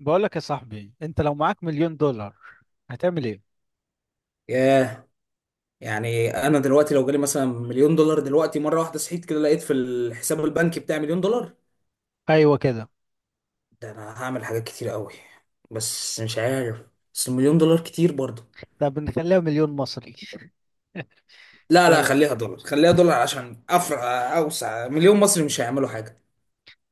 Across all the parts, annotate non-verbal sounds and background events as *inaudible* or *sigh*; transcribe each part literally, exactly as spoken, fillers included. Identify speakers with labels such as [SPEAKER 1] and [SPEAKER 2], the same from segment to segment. [SPEAKER 1] بقول لك يا صاحبي، انت لو معاك مليون دولار هتعمل ايه؟
[SPEAKER 2] ياه. يعني انا دلوقتي لو جالي مثلا مليون دولار دلوقتي مره واحده صحيت كده لقيت في الحساب البنكي بتاعي مليون دولار.
[SPEAKER 1] ايوه كده.
[SPEAKER 2] ده انا هعمل حاجات كتير قوي، بس مش عارف. بس مليون دولار كتير برضه.
[SPEAKER 1] طب نخليها مليون مصري. *laughs*
[SPEAKER 2] لا لا
[SPEAKER 1] يلا.
[SPEAKER 2] خليها دولار خليها دولار عشان افرع اوسع، مليون مصري مش هيعملوا حاجه.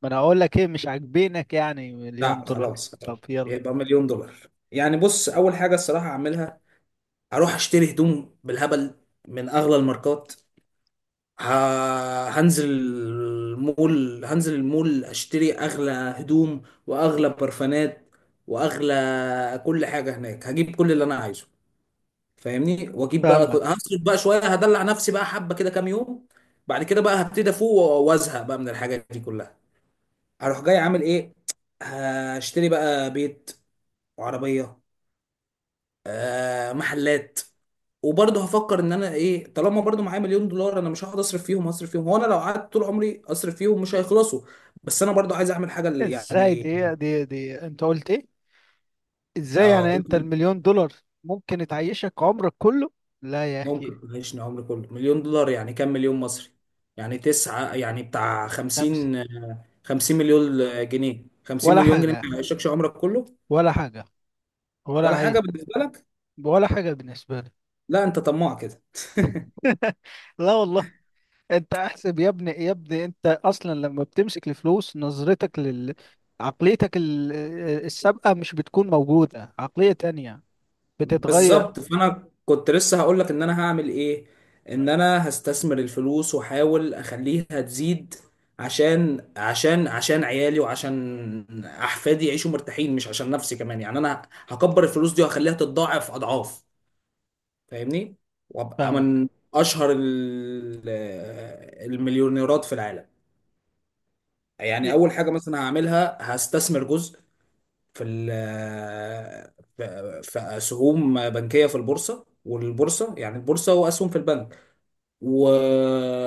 [SPEAKER 1] ما انا اقول لك ايه، مش عاجبينك يعني مليون
[SPEAKER 2] لا
[SPEAKER 1] دولار؟
[SPEAKER 2] خلاص
[SPEAKER 1] طب يلا.
[SPEAKER 2] يبقى مليون دولار. يعني بص، اول حاجه الصراحه هعملها اروح اشتري هدوم بالهبل من اغلى الماركات. ه- هنزل المول هنزل المول اشتري اغلى هدوم واغلى برفانات واغلى كل حاجه هناك، هجيب كل اللي انا عايزه. فاهمني؟ واجيب بقى، ك-
[SPEAKER 1] فاهمك.
[SPEAKER 2] هصرف بقى شويه، هدلع نفسي بقى حبه كده كام يوم. بعد كده بقى هبتدي افوق و- وازهق بقى من الحاجات دي كلها. هروح جاي عامل ايه؟ هشتري بقى بيت وعربيه. آه، محلات. وبرضه هفكر ان انا ايه، طالما برضه معايا مليون دولار انا مش هقعد اصرف فيهم. هصرف فيهم، هو انا لو قعدت طول عمري اصرف فيهم مش هيخلصوا. بس انا برضه عايز اعمل حاجه اللي
[SPEAKER 1] ازاي
[SPEAKER 2] يعني.
[SPEAKER 1] دي دي دي، انت قلت ايه؟ ازاي
[SPEAKER 2] آه
[SPEAKER 1] يعني، انت
[SPEAKER 2] قلت.
[SPEAKER 1] المليون دولار ممكن تعيشك عمرك كله؟ لا يا اخي.
[SPEAKER 2] ممكن تعيشني عمري كله؟ مليون دولار يعني كام مليون مصري؟ يعني تسعة، يعني بتاع
[SPEAKER 1] خمسة.
[SPEAKER 2] خمسين، آه، خمسين مليون جنيه. خمسين
[SPEAKER 1] ولا
[SPEAKER 2] مليون جنيه
[SPEAKER 1] حاجة،
[SPEAKER 2] ما يعيشكش عمرك كله؟
[SPEAKER 1] ولا حاجة، ولا
[SPEAKER 2] ولا
[SPEAKER 1] عيش،
[SPEAKER 2] حاجه بالنسبه لك.
[SPEAKER 1] ولا حاجة بالنسبة لي.
[SPEAKER 2] لا انت طماع كده.
[SPEAKER 1] *laughs* لا والله. انت احسب يا ابني يا ابني، انت اصلا لما بتمسك الفلوس نظرتك لل عقليتك ال- السابقة مش بتكون موجودة، عقلية تانية بتتغير.
[SPEAKER 2] بالظبط، فانا كنت لسه هقول لك ان انا هعمل ايه. ان انا هستثمر الفلوس واحاول اخليها تزيد عشان عشان عشان عيالي وعشان احفادي يعيشوا مرتاحين، مش عشان نفسي كمان. يعني انا هكبر الفلوس دي وهخليها تتضاعف اضعاف. فاهمني؟ وابقى
[SPEAKER 1] فاهمك.
[SPEAKER 2] من اشهر ال- المليونيرات في العالم. يعني
[SPEAKER 1] يا
[SPEAKER 2] اول حاجه مثلا هعملها هستثمر جزء في ال في في اسهم بنكيه في البورصه، والبورصه يعني البورصه واسهم في البنك و...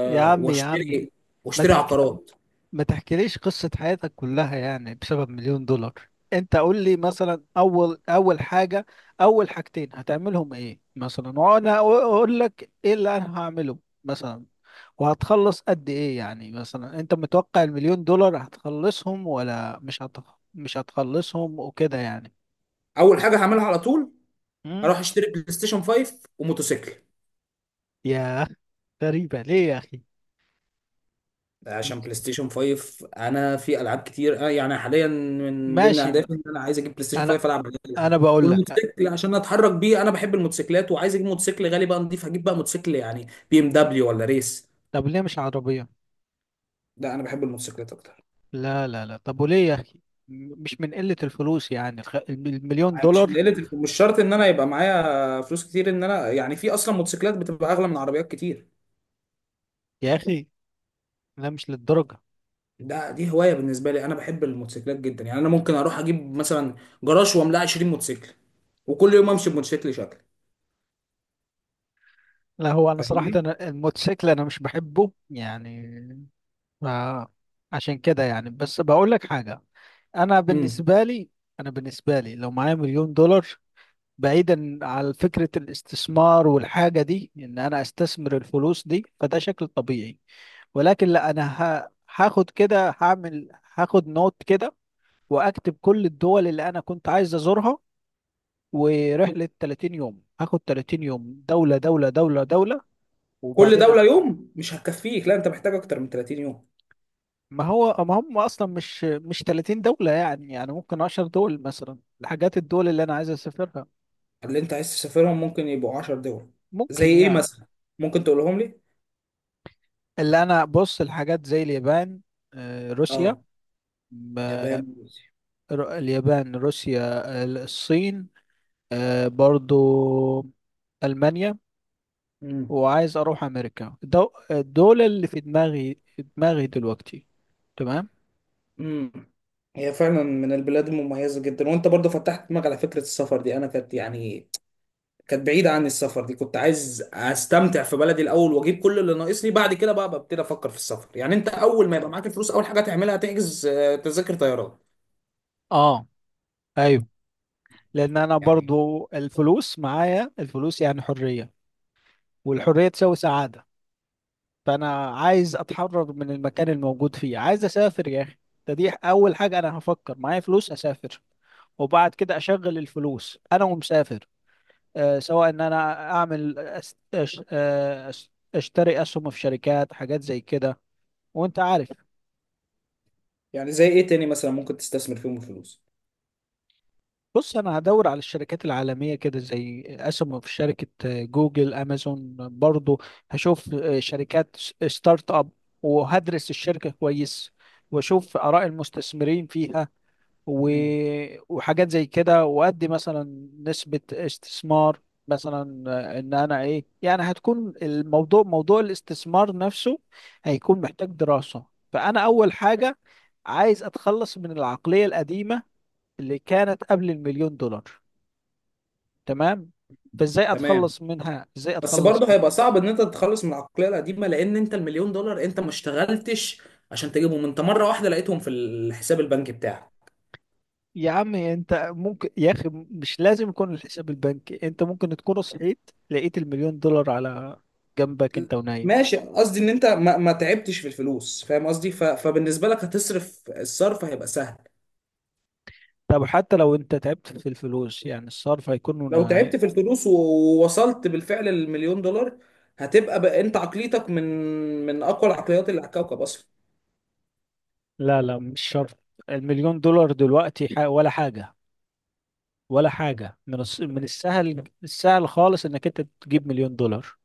[SPEAKER 1] يا عمي يا عمي،
[SPEAKER 2] واشتري،
[SPEAKER 1] ما
[SPEAKER 2] واشتري
[SPEAKER 1] تحك
[SPEAKER 2] عقارات.
[SPEAKER 1] ما تحكيليش قصة حياتك كلها يعني بسبب مليون دولار. انت قول لي مثلا اول اول حاجة، اول حاجتين هتعملهم ايه مثلا، وانا اقول لك ايه اللي انا هعمله مثلا. وهتخلص قد ايه يعني؟ مثلا انت متوقع المليون دولار هتخلصهم ولا مش هت... مش هتخلصهم وكده يعني؟
[SPEAKER 2] اول حاجه هعملها على طول
[SPEAKER 1] امم.
[SPEAKER 2] هروح اشتري بلاي ستيشن خمسة وموتوسيكل.
[SPEAKER 1] يا، غريبة ليه يا اخي؟
[SPEAKER 2] عشان بلاي ستيشن خمسة، انا في العاب كتير، آه، يعني حاليا من ضمن
[SPEAKER 1] ماشي م-
[SPEAKER 2] اهدافي ان انا عايز اجيب بلاي ستيشن
[SPEAKER 1] انا
[SPEAKER 2] خمسة العب عليه
[SPEAKER 1] انا
[SPEAKER 2] العاب.
[SPEAKER 1] بقول لك،
[SPEAKER 2] والموتوسيكل عشان اتحرك بيه، انا بحب الموتوسيكلات وعايز اجيب موتوسيكل غالي بقى نضيف. هجيب بقى موتوسيكل يعني بي ام دبليو ولا ريس.
[SPEAKER 1] طب ليه مش عربية؟
[SPEAKER 2] لا انا بحب الموتوسيكلات اكتر.
[SPEAKER 1] لا لا لا، طب وليه يا أخي؟ م- مش من قلة الفلوس يعني، الخ-
[SPEAKER 2] ما
[SPEAKER 1] المليون
[SPEAKER 2] هي مش من
[SPEAKER 1] دولار.
[SPEAKER 2] قله الف- مش شرط ان انا يبقى معايا فلوس كتير، ان انا يعني في اصلا موتوسيكلات بتبقى اغلى من عربيات كتير.
[SPEAKER 1] يا أخي، لا، مش للدرجة.
[SPEAKER 2] ده دي هوايه بالنسبه لي، انا بحب الموتوسيكلات جدا. يعني انا ممكن اروح اجيب مثلا جراج واملاه 20 موتوسيكل، وكل يوم امشي بموتوسيكل شكل.
[SPEAKER 1] لا، هو أنا صراحة،
[SPEAKER 2] فاهمني؟
[SPEAKER 1] أنا الموتوسيكل أنا مش بحبه يعني. ف- عشان كده يعني، بس بقول لك حاجة. أنا
[SPEAKER 2] امم.
[SPEAKER 1] بالنسبة لي أنا بالنسبة لي لو معايا مليون دولار، بعيدا عن فكرة الاستثمار والحاجة دي، إن أنا أستثمر الفلوس دي فده شكل طبيعي. ولكن لا، أنا ه- هاخد كده هعمل هاخد نوت كده، واكتب كل الدول اللي انا كنت عايز ازورها، ورحله 30 يوم. هاخد 30 يوم، دوله دوله دوله دوله،
[SPEAKER 2] كل
[SPEAKER 1] وبعدين أ-
[SPEAKER 2] دوله يوم مش هتكفيك، لا انت محتاج اكتر من 30 يوم.
[SPEAKER 1] ما هو ما هم اصلا مش مش 30 دوله، يعني يعني ممكن 10 دول مثلا. الحاجات الدول اللي انا عايز اسافرها،
[SPEAKER 2] اللي انت عايز تسافرهم ممكن يبقوا 10 دول. زي
[SPEAKER 1] ممكن
[SPEAKER 2] ايه
[SPEAKER 1] يعني.
[SPEAKER 2] مثلا؟ ممكن تقولهم لي.
[SPEAKER 1] اللي انا، بص، الحاجات زي اليابان، آه، روسيا.
[SPEAKER 2] اه.
[SPEAKER 1] م-
[SPEAKER 2] يابان.
[SPEAKER 1] ر- اليابان، روسيا، ال- الصين، آه، برضو المانيا،
[SPEAKER 2] امم.
[SPEAKER 1] وعايز اروح امريكا. دو دول اللي في دماغي، في دماغي دلوقتي. تمام.
[SPEAKER 2] امم. هي فعلا من البلاد المميزة جدا، وانت برضو فتحت دماغي على فكرة السفر دي. انا كانت يعني كانت بعيدة عن السفر دي، كنت عايز استمتع في بلدي الاول واجيب كل اللي ناقصني، بعد كده بقى ببتدي افكر في السفر. يعني انت اول ما يبقى معاك الفلوس اول حاجة تعملها تحجز، آه، تذاكر طيران.
[SPEAKER 1] اه، ايوه، لان انا
[SPEAKER 2] يعني.
[SPEAKER 1] برضو الفلوس، معايا الفلوس يعني حرية، والحرية تساوي سعادة. فانا عايز اتحرر من المكان الموجود فيه، عايز اسافر يا اخي. ده دي اول حاجة انا هفكر، معايا فلوس اسافر، وبعد كده اشغل الفلوس انا ومسافر. آه، سواء ان انا اعمل، أس- أش- آه، أش- اشتري اسهم في شركات، حاجات زي كده وانت عارف.
[SPEAKER 2] يعني زي ايه تاني مثلا ممكن تستثمر فيهم الفلوس؟
[SPEAKER 1] بص، انا هدور على الشركات العالميه كده، زي اسمه، في شركه جوجل، امازون برضو. هشوف آه، شركات ستارت اب، وهدرس الشركه كويس، واشوف اراء المستثمرين فيها، و...
[SPEAKER 2] مم.
[SPEAKER 1] وحاجات زي كده، وادي مثلا نسبه استثمار مثلا. آه، ان انا ايه يعني، هتكون الموضوع، موضوع الاستثمار نفسه، هيكون محتاج دراسه. فانا اول حاجه عايز اتخلص من العقليه القديمه اللي كانت قبل المليون دولار. تمام. فازاي
[SPEAKER 2] تمام.
[SPEAKER 1] اتخلص منها، ازاي
[SPEAKER 2] بس
[SPEAKER 1] اتخلص
[SPEAKER 2] برضه
[SPEAKER 1] من...
[SPEAKER 2] هيبقى صعب ان انت تتخلص من العقلية القديمة، لان انت المليون دولار انت ما اشتغلتش عشان تجيبهم، انت مرة واحدة لقيتهم في الحساب البنكي بتاعك.
[SPEAKER 1] يا عم انت ممكن، يا اخي مش لازم يكون الحساب البنكي، انت ممكن تكون صحيت لقيت المليون دولار على جنبك انت ونايم.
[SPEAKER 2] ماشي، قصدي ان انت ما, ما تعبتش في الفلوس، فاهم قصدي؟ ف... فبالنسبه لك هتصرف، الصرف هيبقى سهل.
[SPEAKER 1] طب حتى لو انت تعبت في الفلوس يعني الصرف هيكون
[SPEAKER 2] لو
[SPEAKER 1] هي-
[SPEAKER 2] تعبت في الفلوس و- ووصلت بالفعل للمليون دولار، هتبقى بقى انت عقليتك من من اقوى العقليات اللي على الكوكب اصلا.
[SPEAKER 1] لا لا، مش شرط. المليون دولار دلوقتي ح- ولا حاجة، ولا حاجة. من الس... من السهل السهل خالص انك انت تجيب مليون دولار.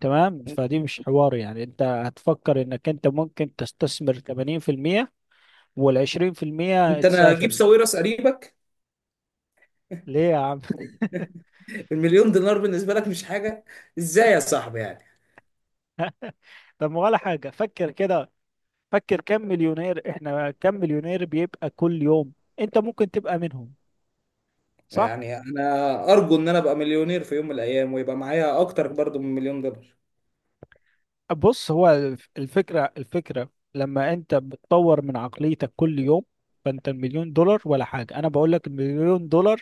[SPEAKER 1] تمام. فدي مش حوار يعني، انت هتفكر انك انت ممكن تستثمر تمانين في المية، وال عشرين في المية
[SPEAKER 2] انت انا اجيب
[SPEAKER 1] تسافر.
[SPEAKER 2] ساويرس قريبك.
[SPEAKER 1] ليه يا عم؟
[SPEAKER 2] المليون دينار بالنسبه لك مش حاجه. ازاي يا صاحبي يعني؟
[SPEAKER 1] *laughs* طب ما ولا حاجة، فكر كده. فكر كم مليونير احنا كم مليونير بيبقى كل يوم؟ انت ممكن تبقى منهم، صح.
[SPEAKER 2] يعني انا ارجو ان انا ابقى مليونير في يوم من الايام، ويبقى معايا اكتر برضو من مليون دولار.
[SPEAKER 1] بص، هو الف- الفكرة الفكرة لما انت بتطور من عقليتك كل يوم، فانت المليون دولار ولا حاجة. انا بقول لك المليون دولار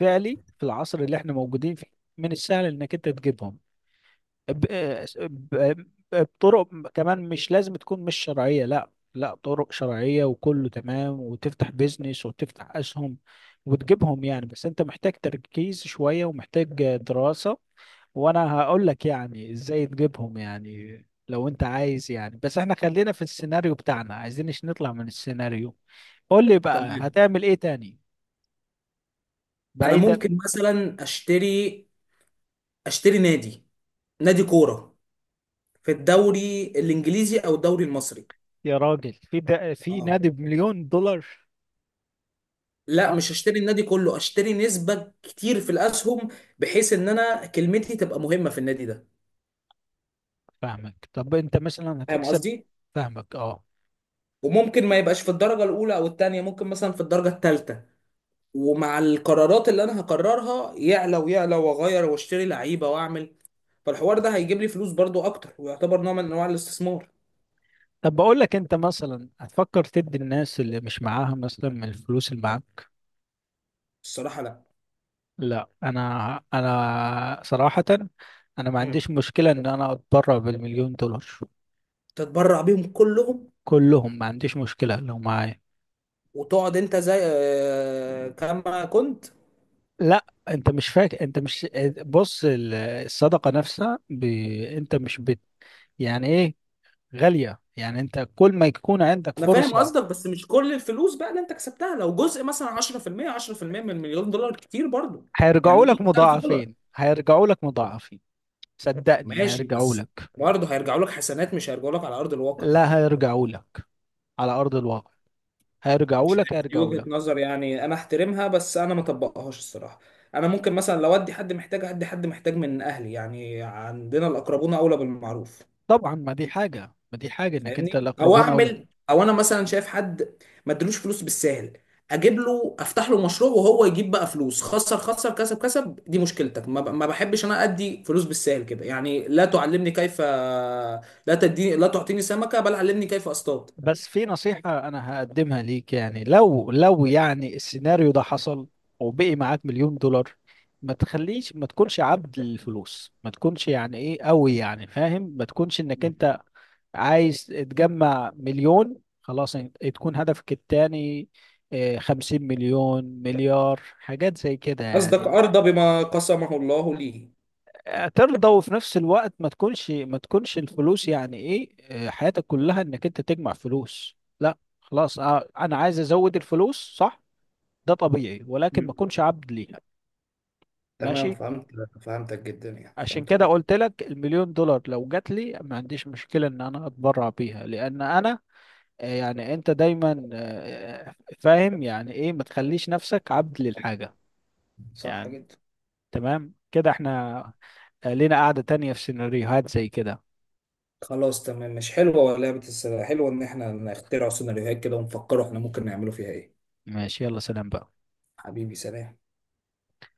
[SPEAKER 1] فعلي، في العصر اللي احنا موجودين فيه، من السهل انك انت تجيبهم ب... ب... بطرق، كمان مش لازم تكون مش شرعية، لا لا، طرق شرعية وكله تمام، وتفتح بيزنس وتفتح أسهم وتجيبهم يعني. بس أنت محتاج تركيز شوية، ومحتاج دراسة، وأنا هقول لك يعني إزاي تجيبهم يعني لو أنت عايز. يعني بس إحنا خلينا في السيناريو بتاعنا، عايزينش نطلع من السيناريو. قول لي بقى
[SPEAKER 2] تمام.
[SPEAKER 1] هتعمل إيه تاني،
[SPEAKER 2] انا
[SPEAKER 1] بعيدا؟
[SPEAKER 2] ممكن مثلا اشتري، اشتري نادي نادي كوره في الدوري الانجليزي او الدوري المصري.
[SPEAKER 1] يا راجل، في ده في
[SPEAKER 2] اه.
[SPEAKER 1] نادي بمليون دولار؟
[SPEAKER 2] لا مش هشتري النادي كله، اشتري نسبة كتير في الاسهم، بحيث ان انا كلمتي تبقى مهمة في النادي ده.
[SPEAKER 1] فاهمك، طب انت مثلا
[SPEAKER 2] فاهم
[SPEAKER 1] هتكسب؟
[SPEAKER 2] قصدي.
[SPEAKER 1] فاهمك اه.
[SPEAKER 2] وممكن ما يبقاش في الدرجة الاولى او التانية، ممكن مثلا في الدرجة التالتة، ومع القرارات اللي انا هقررها يعلى ويعلى، واغير واشتري لعيبة واعمل. فالحوار ده هيجيب لي فلوس برضو اكتر، ويعتبر نوع من انواع الاستثمار.
[SPEAKER 1] طب بقول لك، انت مثلا هتفكر تدي الناس اللي مش معاها مثلا من الفلوس اللي معاك؟
[SPEAKER 2] الصراحة لا.
[SPEAKER 1] لا انا انا صراحة انا ما
[SPEAKER 2] مم.
[SPEAKER 1] عنديش مشكلة ان انا اتبرع بالمليون دولار،
[SPEAKER 2] تتبرع بيهم كلهم؟
[SPEAKER 1] كلهم. ما عنديش مشكلة لو معايا.
[SPEAKER 2] وتقعد انت زي، آه، كما كنت؟
[SPEAKER 1] لا، انت مش فاكر، انت مش بص، ال- الصدقة نفسها، ب... انت مش بت... يعني ايه، غالية يعني، انت كل ما يكون عندك
[SPEAKER 2] انا فاهم
[SPEAKER 1] فرصة،
[SPEAKER 2] قصدك، بس مش كل الفلوس بقى اللي انت كسبتها. لو جزء مثلا عشرة في المية، عشرة في المية من مليون دولار كتير برضو. يعني
[SPEAKER 1] هيرجعوا لك
[SPEAKER 2] مية الف دولار.
[SPEAKER 1] مضاعفين، هيرجعوا لك مضاعفين. صدقني
[SPEAKER 2] ماشي،
[SPEAKER 1] هيرجعوا
[SPEAKER 2] بس
[SPEAKER 1] لك،
[SPEAKER 2] برضه هيرجعوا لك حسنات، مش هيرجعوا لك على ارض الواقع.
[SPEAKER 1] لا، هيرجعوا لك على أرض الواقع، هيرجعوا
[SPEAKER 2] مش
[SPEAKER 1] لك
[SPEAKER 2] عارف، دي
[SPEAKER 1] هيرجعوا
[SPEAKER 2] وجهة
[SPEAKER 1] لك.
[SPEAKER 2] نظر يعني انا احترمها، بس انا ما اطبقهاش الصراحة. انا ممكن مثلا لو ادي حد محتاج، ادي حد محتاج من اهلي، يعني عندنا الاقربون اولى بالمعروف.
[SPEAKER 1] طبعا، ما دي حاجة، ما دي حاجة انك انت،
[SPEAKER 2] فاهمني؟ او
[SPEAKER 1] الأقربون أولى.
[SPEAKER 2] اعمل، او انا مثلا شايف حد ما ادلوش فلوس بالساهل، اجيب له افتح له مشروع، وهو يجيب بقى فلوس، خسر خسر كسب كسب دي مشكلتك. ما ب- ما بحبش انا ادي فلوس بالساهل كده، يعني لا تعلمني كيف، لا تديني، لا تعطيني سمكة بل علمني كيف اصطاد.
[SPEAKER 1] بس في نصيحة أنا هقدمها ليك، يعني لو لو يعني السيناريو ده حصل وبقي معاك مليون دولار، ما تخليش، ما تكونش عبد للفلوس، ما تكونش يعني إيه قوي يعني فاهم، ما تكونش إنك
[SPEAKER 2] مم.
[SPEAKER 1] أنت عايز تجمع مليون خلاص. إن- تكون هدفك التاني آه، خمسين مليون، مليار، حاجات زي كده
[SPEAKER 2] قصدك
[SPEAKER 1] يعني،
[SPEAKER 2] ارضى بما قسمه الله لي.
[SPEAKER 1] ترضى. وفي نفس الوقت، ما تكونش ما تكونش الفلوس يعني ايه، آه، حياتك كلها، انك انت تجمع فلوس. لا خلاص، آه، انا عايز ازود الفلوس، صح، ده طبيعي، ولكن ما
[SPEAKER 2] مم.
[SPEAKER 1] اكونش عبد ليها.
[SPEAKER 2] تمام
[SPEAKER 1] ماشي.
[SPEAKER 2] فهمت. فهمتك جدا، يعني
[SPEAKER 1] عشان
[SPEAKER 2] فهمته
[SPEAKER 1] كده
[SPEAKER 2] جدا.
[SPEAKER 1] قلت لك المليون دولار لو جات لي ما عنديش مشكلة ان انا اتبرع بيها، لان انا آه، يعني انت دايما آه، فاهم يعني ايه، ما تخليش نفسك عبد للحاجة
[SPEAKER 2] صح
[SPEAKER 1] يعني.
[SPEAKER 2] جدا.
[SPEAKER 1] تمام كده احنا، آه، لينا قاعدة تانية في سيناريوهات زي كده.
[SPEAKER 2] خلاص تمام، مش حلوة لعبة السلة؟ حلوة ان احنا نخترع سيناريوهات كده ونفكروا احنا ممكن نعمله فيها ايه.
[SPEAKER 1] ماشي، يلا سلام بقى.
[SPEAKER 2] حبيبي سلام.